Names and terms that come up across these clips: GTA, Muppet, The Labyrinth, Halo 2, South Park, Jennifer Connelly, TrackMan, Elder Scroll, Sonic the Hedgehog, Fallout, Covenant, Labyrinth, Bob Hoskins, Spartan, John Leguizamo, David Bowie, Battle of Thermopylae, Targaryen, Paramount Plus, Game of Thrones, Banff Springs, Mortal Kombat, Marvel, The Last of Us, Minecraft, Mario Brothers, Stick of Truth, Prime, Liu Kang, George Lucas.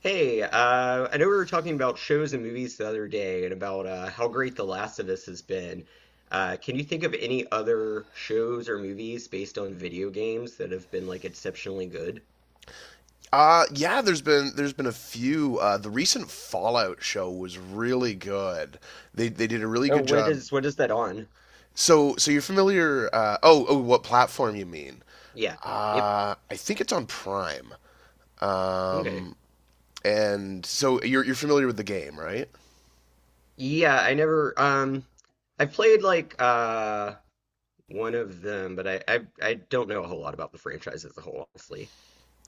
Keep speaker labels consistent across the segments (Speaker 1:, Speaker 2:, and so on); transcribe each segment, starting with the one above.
Speaker 1: I know we were talking about shows and movies the other day and about how great The Last of Us has been. Can you think of any other shows or movies based on video games that have been like exceptionally good?
Speaker 2: Yeah, there's been a few. The recent Fallout show was really good. They did a really
Speaker 1: Oh,
Speaker 2: good
Speaker 1: what
Speaker 2: job.
Speaker 1: is what is that on?
Speaker 2: So you're familiar? Oh, what platform you mean?
Speaker 1: Yeah. Yep.
Speaker 2: I think it's on Prime.
Speaker 1: Okay.
Speaker 2: Um, and so you're familiar with the game, right?
Speaker 1: Yeah, I never I played like one of them, but I don't know a whole lot about the franchise as a whole, honestly.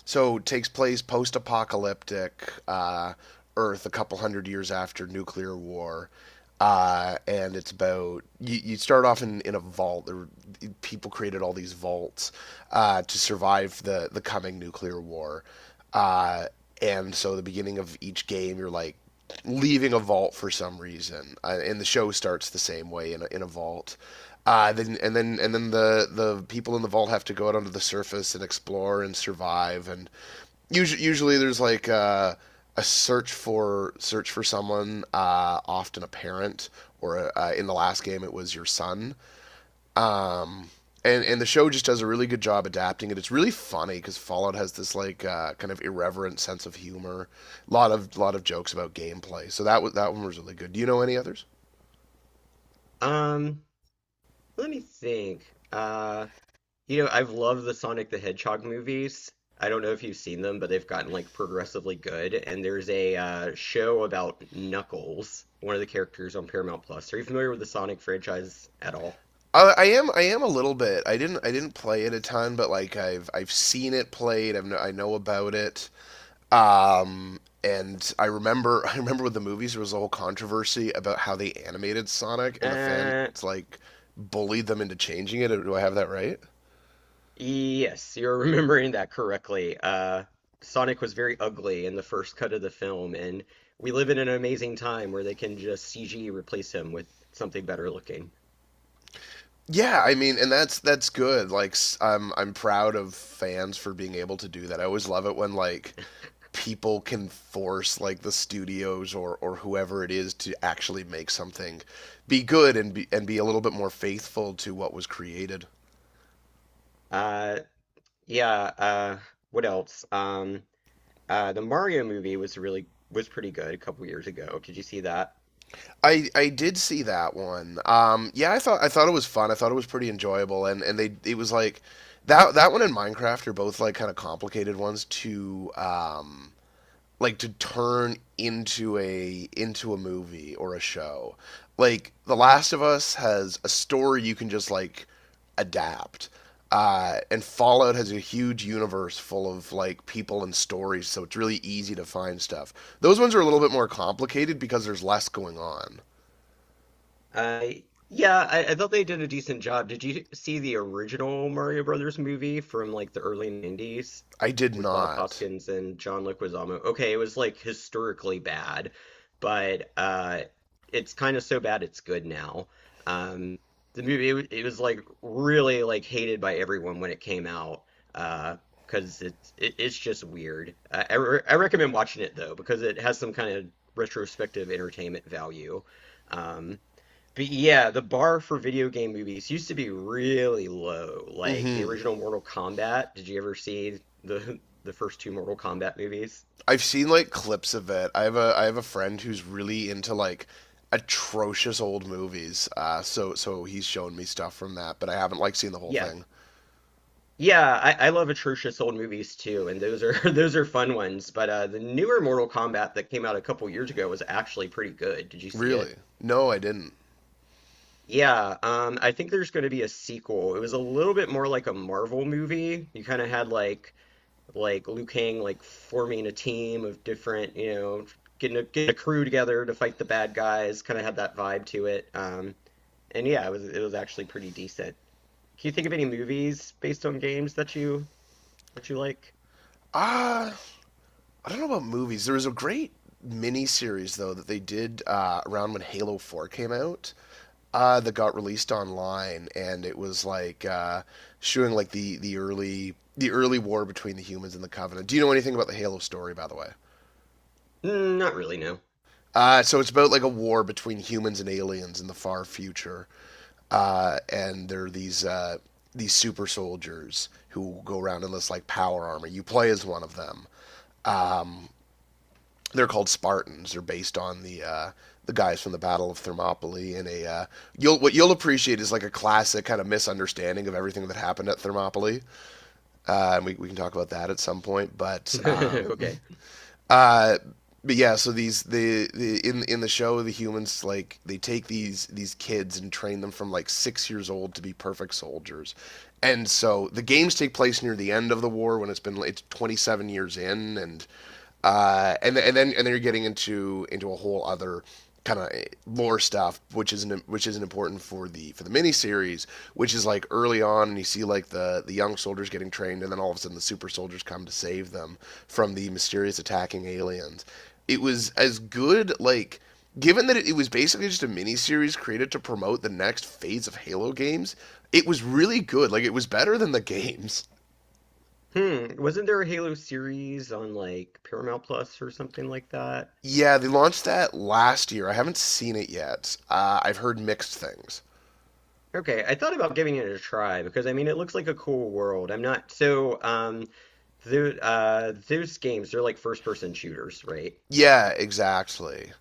Speaker 2: So it takes place post apocalyptic Earth, a couple hundred years after nuclear war. And it's about you, you start off in a vault. People created all these vaults to survive the coming nuclear war. Uh, and so the beginning of each game, you're like leaving a vault for some reason, and the show starts the same way in a vault. Then the people in the vault have to go out onto the surface and explore and survive. And usually there's like a search for someone, often a parent, or in the last game it was your son um, and the show just does a really good job adapting it. It's really funny because Fallout has this like kind of irreverent sense of humor, a lot of jokes about gameplay. So that one was really good. Do you know any others?
Speaker 1: Um, let me think. Uh, You know, I've loved the Sonic the Hedgehog movies. I don't know if you've seen them, but they've gotten like progressively good. And there's a show about Knuckles, one of the characters on Paramount Plus. Are you familiar with the Sonic franchise at all?
Speaker 2: I am a little bit. I didn't play it a ton, but like I've seen it played. I know about it. And I remember I remember with the movies there was a whole controversy about how they animated Sonic and the fans
Speaker 1: Uh,
Speaker 2: like bullied them into changing it. Do I have that right?
Speaker 1: yes, you're remembering that correctly. Sonic was very ugly in the first cut of the film, and we live in an amazing time where they can just CG replace him with something better looking.
Speaker 2: Yeah, I mean, and that's good. Like, I'm proud of fans for being able to do that. I always love it when like people can force like the studios or whoever it is to actually make something be good and be a little bit more faithful to what was created.
Speaker 1: Uh, yeah, uh, what else? Uh, the Mario movie was pretty good a couple years ago. Did you see that?
Speaker 2: I did see that one. Yeah, I thought it was fun. I thought it was pretty enjoyable, and they it was like that one and Minecraft are both like kind of complicated ones to like to turn into a movie or a show. Like The Last of Us has a story you can just like adapt. And Fallout has a huge universe full of like people and stories, so it's really easy to find stuff. Those ones are a little bit more complicated because there's less going on.
Speaker 1: Uh, yeah, I thought they did a decent job. Did you see the original Mario Brothers movie from like the early 90s
Speaker 2: I did
Speaker 1: with Bob
Speaker 2: not.
Speaker 1: Hoskins and John Leguizamo? Okay, it was like historically bad, but it's kind of so bad it's good now. Um the movie it was like really like hated by everyone when it came out. Uh, because it's just weird. I recommend watching it though because it has some kind of retrospective entertainment value. Um but yeah, the bar for video game movies used to be really low. Like the
Speaker 2: hmm
Speaker 1: original Mortal Kombat. Did you ever see the the first two Mortal Kombat movies?
Speaker 2: I've seen like clips of it. I have a friend who's really into like atrocious old movies. So he's shown me stuff from that, but I haven't like seen the whole
Speaker 1: Yeah.
Speaker 2: thing.
Speaker 1: Yeah, I love atrocious old movies too, and those are those are fun ones. But the newer Mortal Kombat that came out a couple years ago was actually pretty good. Did you see
Speaker 2: Really?
Speaker 1: it?
Speaker 2: No, I didn't.
Speaker 1: Yeah, I think there's going to be a sequel. It was a little bit more like a Marvel movie. You kind of had like Liu Kang like forming a team of different, you know, getting a, getting a crew together to fight the bad guys. Kind of had that vibe to it. And yeah, it was actually pretty decent. Can you think of any movies based on games that you like?
Speaker 2: Ah, uh, I don't know about movies. There was a great mini series though that they did around when Halo 4 came out. That got released online, and it was like showing like the early war between the humans and the Covenant. Do you know anything about the Halo story, by the way?
Speaker 1: Mm, not really, no.
Speaker 2: So it's about like a war between humans and aliens in the far future, and there are these super soldiers who go around in this like power armor. You play as one of them. They're called Spartans. They're based on the guys from the Battle of Thermopylae. And a you'll what you'll appreciate is like a classic kind of misunderstanding of everything that happened at Thermopylae. And we can talk about that at some point.
Speaker 1: Okay.
Speaker 2: Uh, but yeah, so these the in the show the humans like they take these kids and train them from like 6 years old to be perfect soldiers, and so the games take place near the end of the war when it's 27 years in, and then you're getting into a whole other kind of lore stuff, which isn't important for the miniseries, which is like early on, and you see like the young soldiers getting trained, and then all of a sudden the super soldiers come to save them from the mysterious attacking aliens. It was as good like. Given that it was basically just a miniseries created to promote the next phase of Halo games, it was really good. Like it was better than the games.
Speaker 1: Hmm. Wasn't there a Halo series on like Paramount Plus or something like that?
Speaker 2: Yeah, they launched that last year. I haven't seen it yet. I've heard mixed things.
Speaker 1: Okay, I thought about giving it a try because I mean it looks like a cool world. I'm not so those games they're like first person shooters, right?
Speaker 2: Yeah, exactly.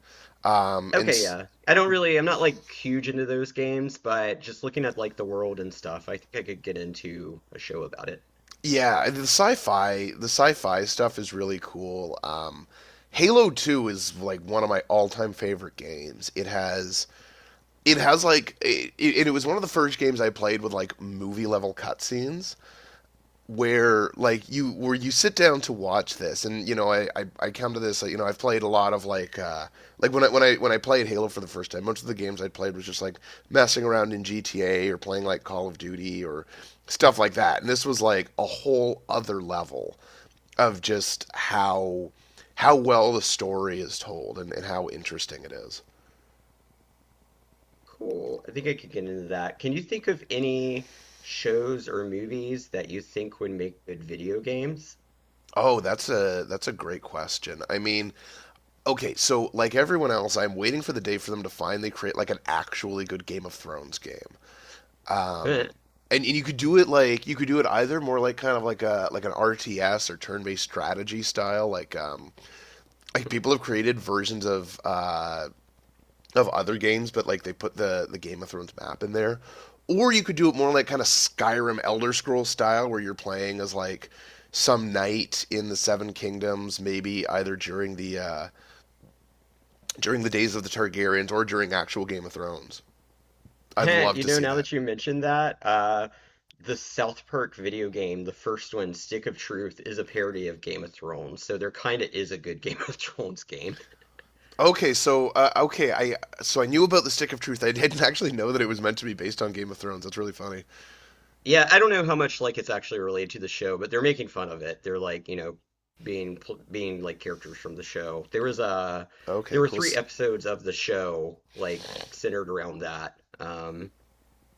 Speaker 2: And
Speaker 1: Okay, yeah. I don't really I'm not like huge into those games, but just looking at like the world and stuff, I think I could get into a show about it.
Speaker 2: Yeah, the sci-fi stuff is really cool. Halo 2 is like one of my all-time favorite games. It has like it was one of the first games I played with like movie level cutscenes where you sit down to watch this, and you know I come to this like, you know I've played a lot of like when I played Halo for the first time, most of the games I played was just like messing around in GTA or playing like Call of Duty or stuff like that, and this was like a whole other level of just how well the story is told, and how interesting it is.
Speaker 1: Cool. I think I could get into that. Can you think of any shows or movies that you think would make good video games?
Speaker 2: Oh, that's a great question. I mean, okay, so like everyone else, I'm waiting for the day for them to finally create like an actually good Game of Thrones game. And you could do it like you could do it either more like kind of like a like an RTS or turn-based strategy style, like people have created versions of other games, but like they put the Game of Thrones map in there. Or you could do it more like kind of Skyrim Elder Scroll style, where you're playing as like some knight in the Seven Kingdoms, maybe either during the days of the Targaryens or during actual Game of Thrones. I'd love
Speaker 1: You
Speaker 2: to
Speaker 1: know,
Speaker 2: see
Speaker 1: now
Speaker 2: that.
Speaker 1: that you mentioned that, the South Park video game, the first one, Stick of Truth, is a parody of Game of Thrones. So there kind of is a good Game of Thrones game.
Speaker 2: Okay, so okay, I so I knew about the Stick of Truth. I didn't actually know that it was meant to be based on Game of Thrones. That's really funny.
Speaker 1: Yeah, I don't know how much like it's actually related to the show, but they're making fun of it. They're like, you know, being like characters from the show. There was a there
Speaker 2: Okay,
Speaker 1: were
Speaker 2: cool.
Speaker 1: three episodes of the show like centered around that.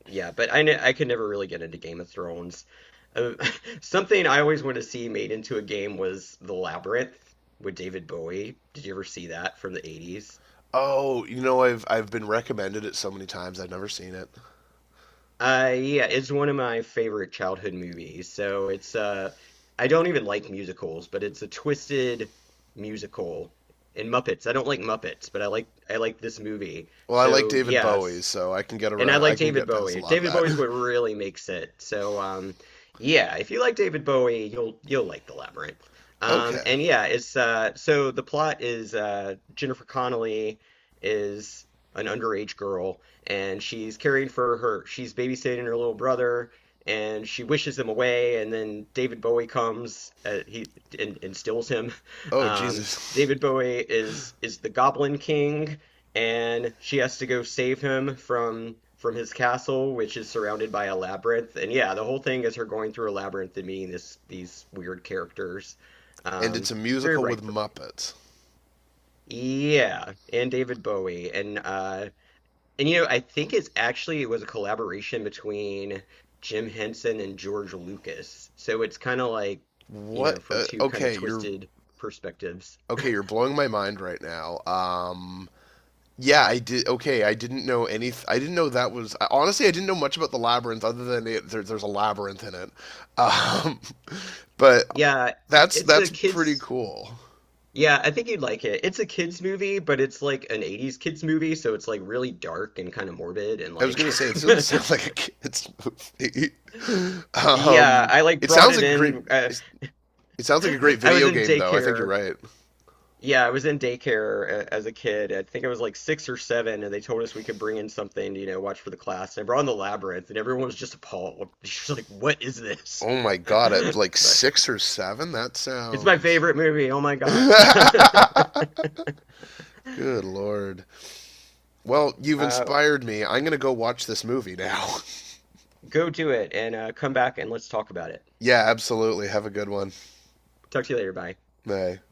Speaker 1: Yeah, but I could never really get into Game of Thrones. Uh, something I always wanted to see made into a game was The Labyrinth with David Bowie. Did you ever see that from the 80s?
Speaker 2: Oh, you know I've been recommended it so many times. I've never seen it.
Speaker 1: Yeah, it's one of my favorite childhood movies. So it's I don't even like musicals, but it's a twisted musical. And Muppets. I don't like Muppets, but I like this movie.
Speaker 2: Well, I like
Speaker 1: So
Speaker 2: David
Speaker 1: yeah,
Speaker 2: Bowie, so I can get
Speaker 1: and I
Speaker 2: around.
Speaker 1: like
Speaker 2: I can
Speaker 1: David
Speaker 2: get past a
Speaker 1: Bowie.
Speaker 2: lot of
Speaker 1: David Bowie's
Speaker 2: that.
Speaker 1: what really makes it. So yeah, if you like David Bowie, you'll like The Labyrinth.
Speaker 2: Okay.
Speaker 1: And yeah, it's so the plot is Jennifer Connelly is an underage girl, and she's caring for her. She's babysitting her little brother, and she wishes him away. And then David Bowie comes. He and steals him.
Speaker 2: Oh
Speaker 1: Um,
Speaker 2: Jesus.
Speaker 1: David Bowie is the Goblin King, and she has to go save him from his castle, which is surrounded by a labyrinth. And yeah, the whole thing is her going through a labyrinth and meeting this these weird characters.
Speaker 2: And it's
Speaker 1: Um,
Speaker 2: a
Speaker 1: very
Speaker 2: musical with
Speaker 1: ripe for me.
Speaker 2: Muppets.
Speaker 1: Yeah, and David Bowie and you know I think it's actually it was a collaboration between Jim Henson and George Lucas. So it's kind of like, you know,
Speaker 2: What?
Speaker 1: from two kind of twisted perspectives.
Speaker 2: Okay. You're blowing my mind right now. Yeah, I did. Okay, I didn't know any. I didn't know that was. Honestly, I didn't know much about the labyrinth other than there's a labyrinth in it. Um, but
Speaker 1: Yeah,
Speaker 2: that's
Speaker 1: it's a
Speaker 2: that's pretty
Speaker 1: kids
Speaker 2: cool.
Speaker 1: Yeah, I think you'd like it. It's a kids movie, but it's like an 80s kids movie, so it's like really dark and kind of morbid and
Speaker 2: I was
Speaker 1: like
Speaker 2: gonna say this doesn't sound like a kids movie.
Speaker 1: yeah,
Speaker 2: um,
Speaker 1: I like
Speaker 2: it
Speaker 1: brought
Speaker 2: sounds
Speaker 1: it
Speaker 2: like a great.
Speaker 1: in
Speaker 2: It It sounds like a great
Speaker 1: I was
Speaker 2: video
Speaker 1: in
Speaker 2: game, though. I think you're
Speaker 1: daycare.
Speaker 2: right.
Speaker 1: Yeah, I was in daycare as a kid. I think I was like 6 or 7 and they told us we could bring in something, to, you know, watch for the class. And I brought in The Labyrinth and everyone was just appalled. She's like, "What is this?"
Speaker 2: Oh my god, at like
Speaker 1: But
Speaker 2: 6 or 7? That
Speaker 1: it's my
Speaker 2: sounds.
Speaker 1: favorite movie. Oh my God.
Speaker 2: Good lord. Well, you've
Speaker 1: Uh,
Speaker 2: inspired me. I'm gonna go watch this movie now.
Speaker 1: go do it and come back and let's talk about it.
Speaker 2: Yeah, absolutely. Have a good one.
Speaker 1: Talk to you later. Bye.
Speaker 2: Bye.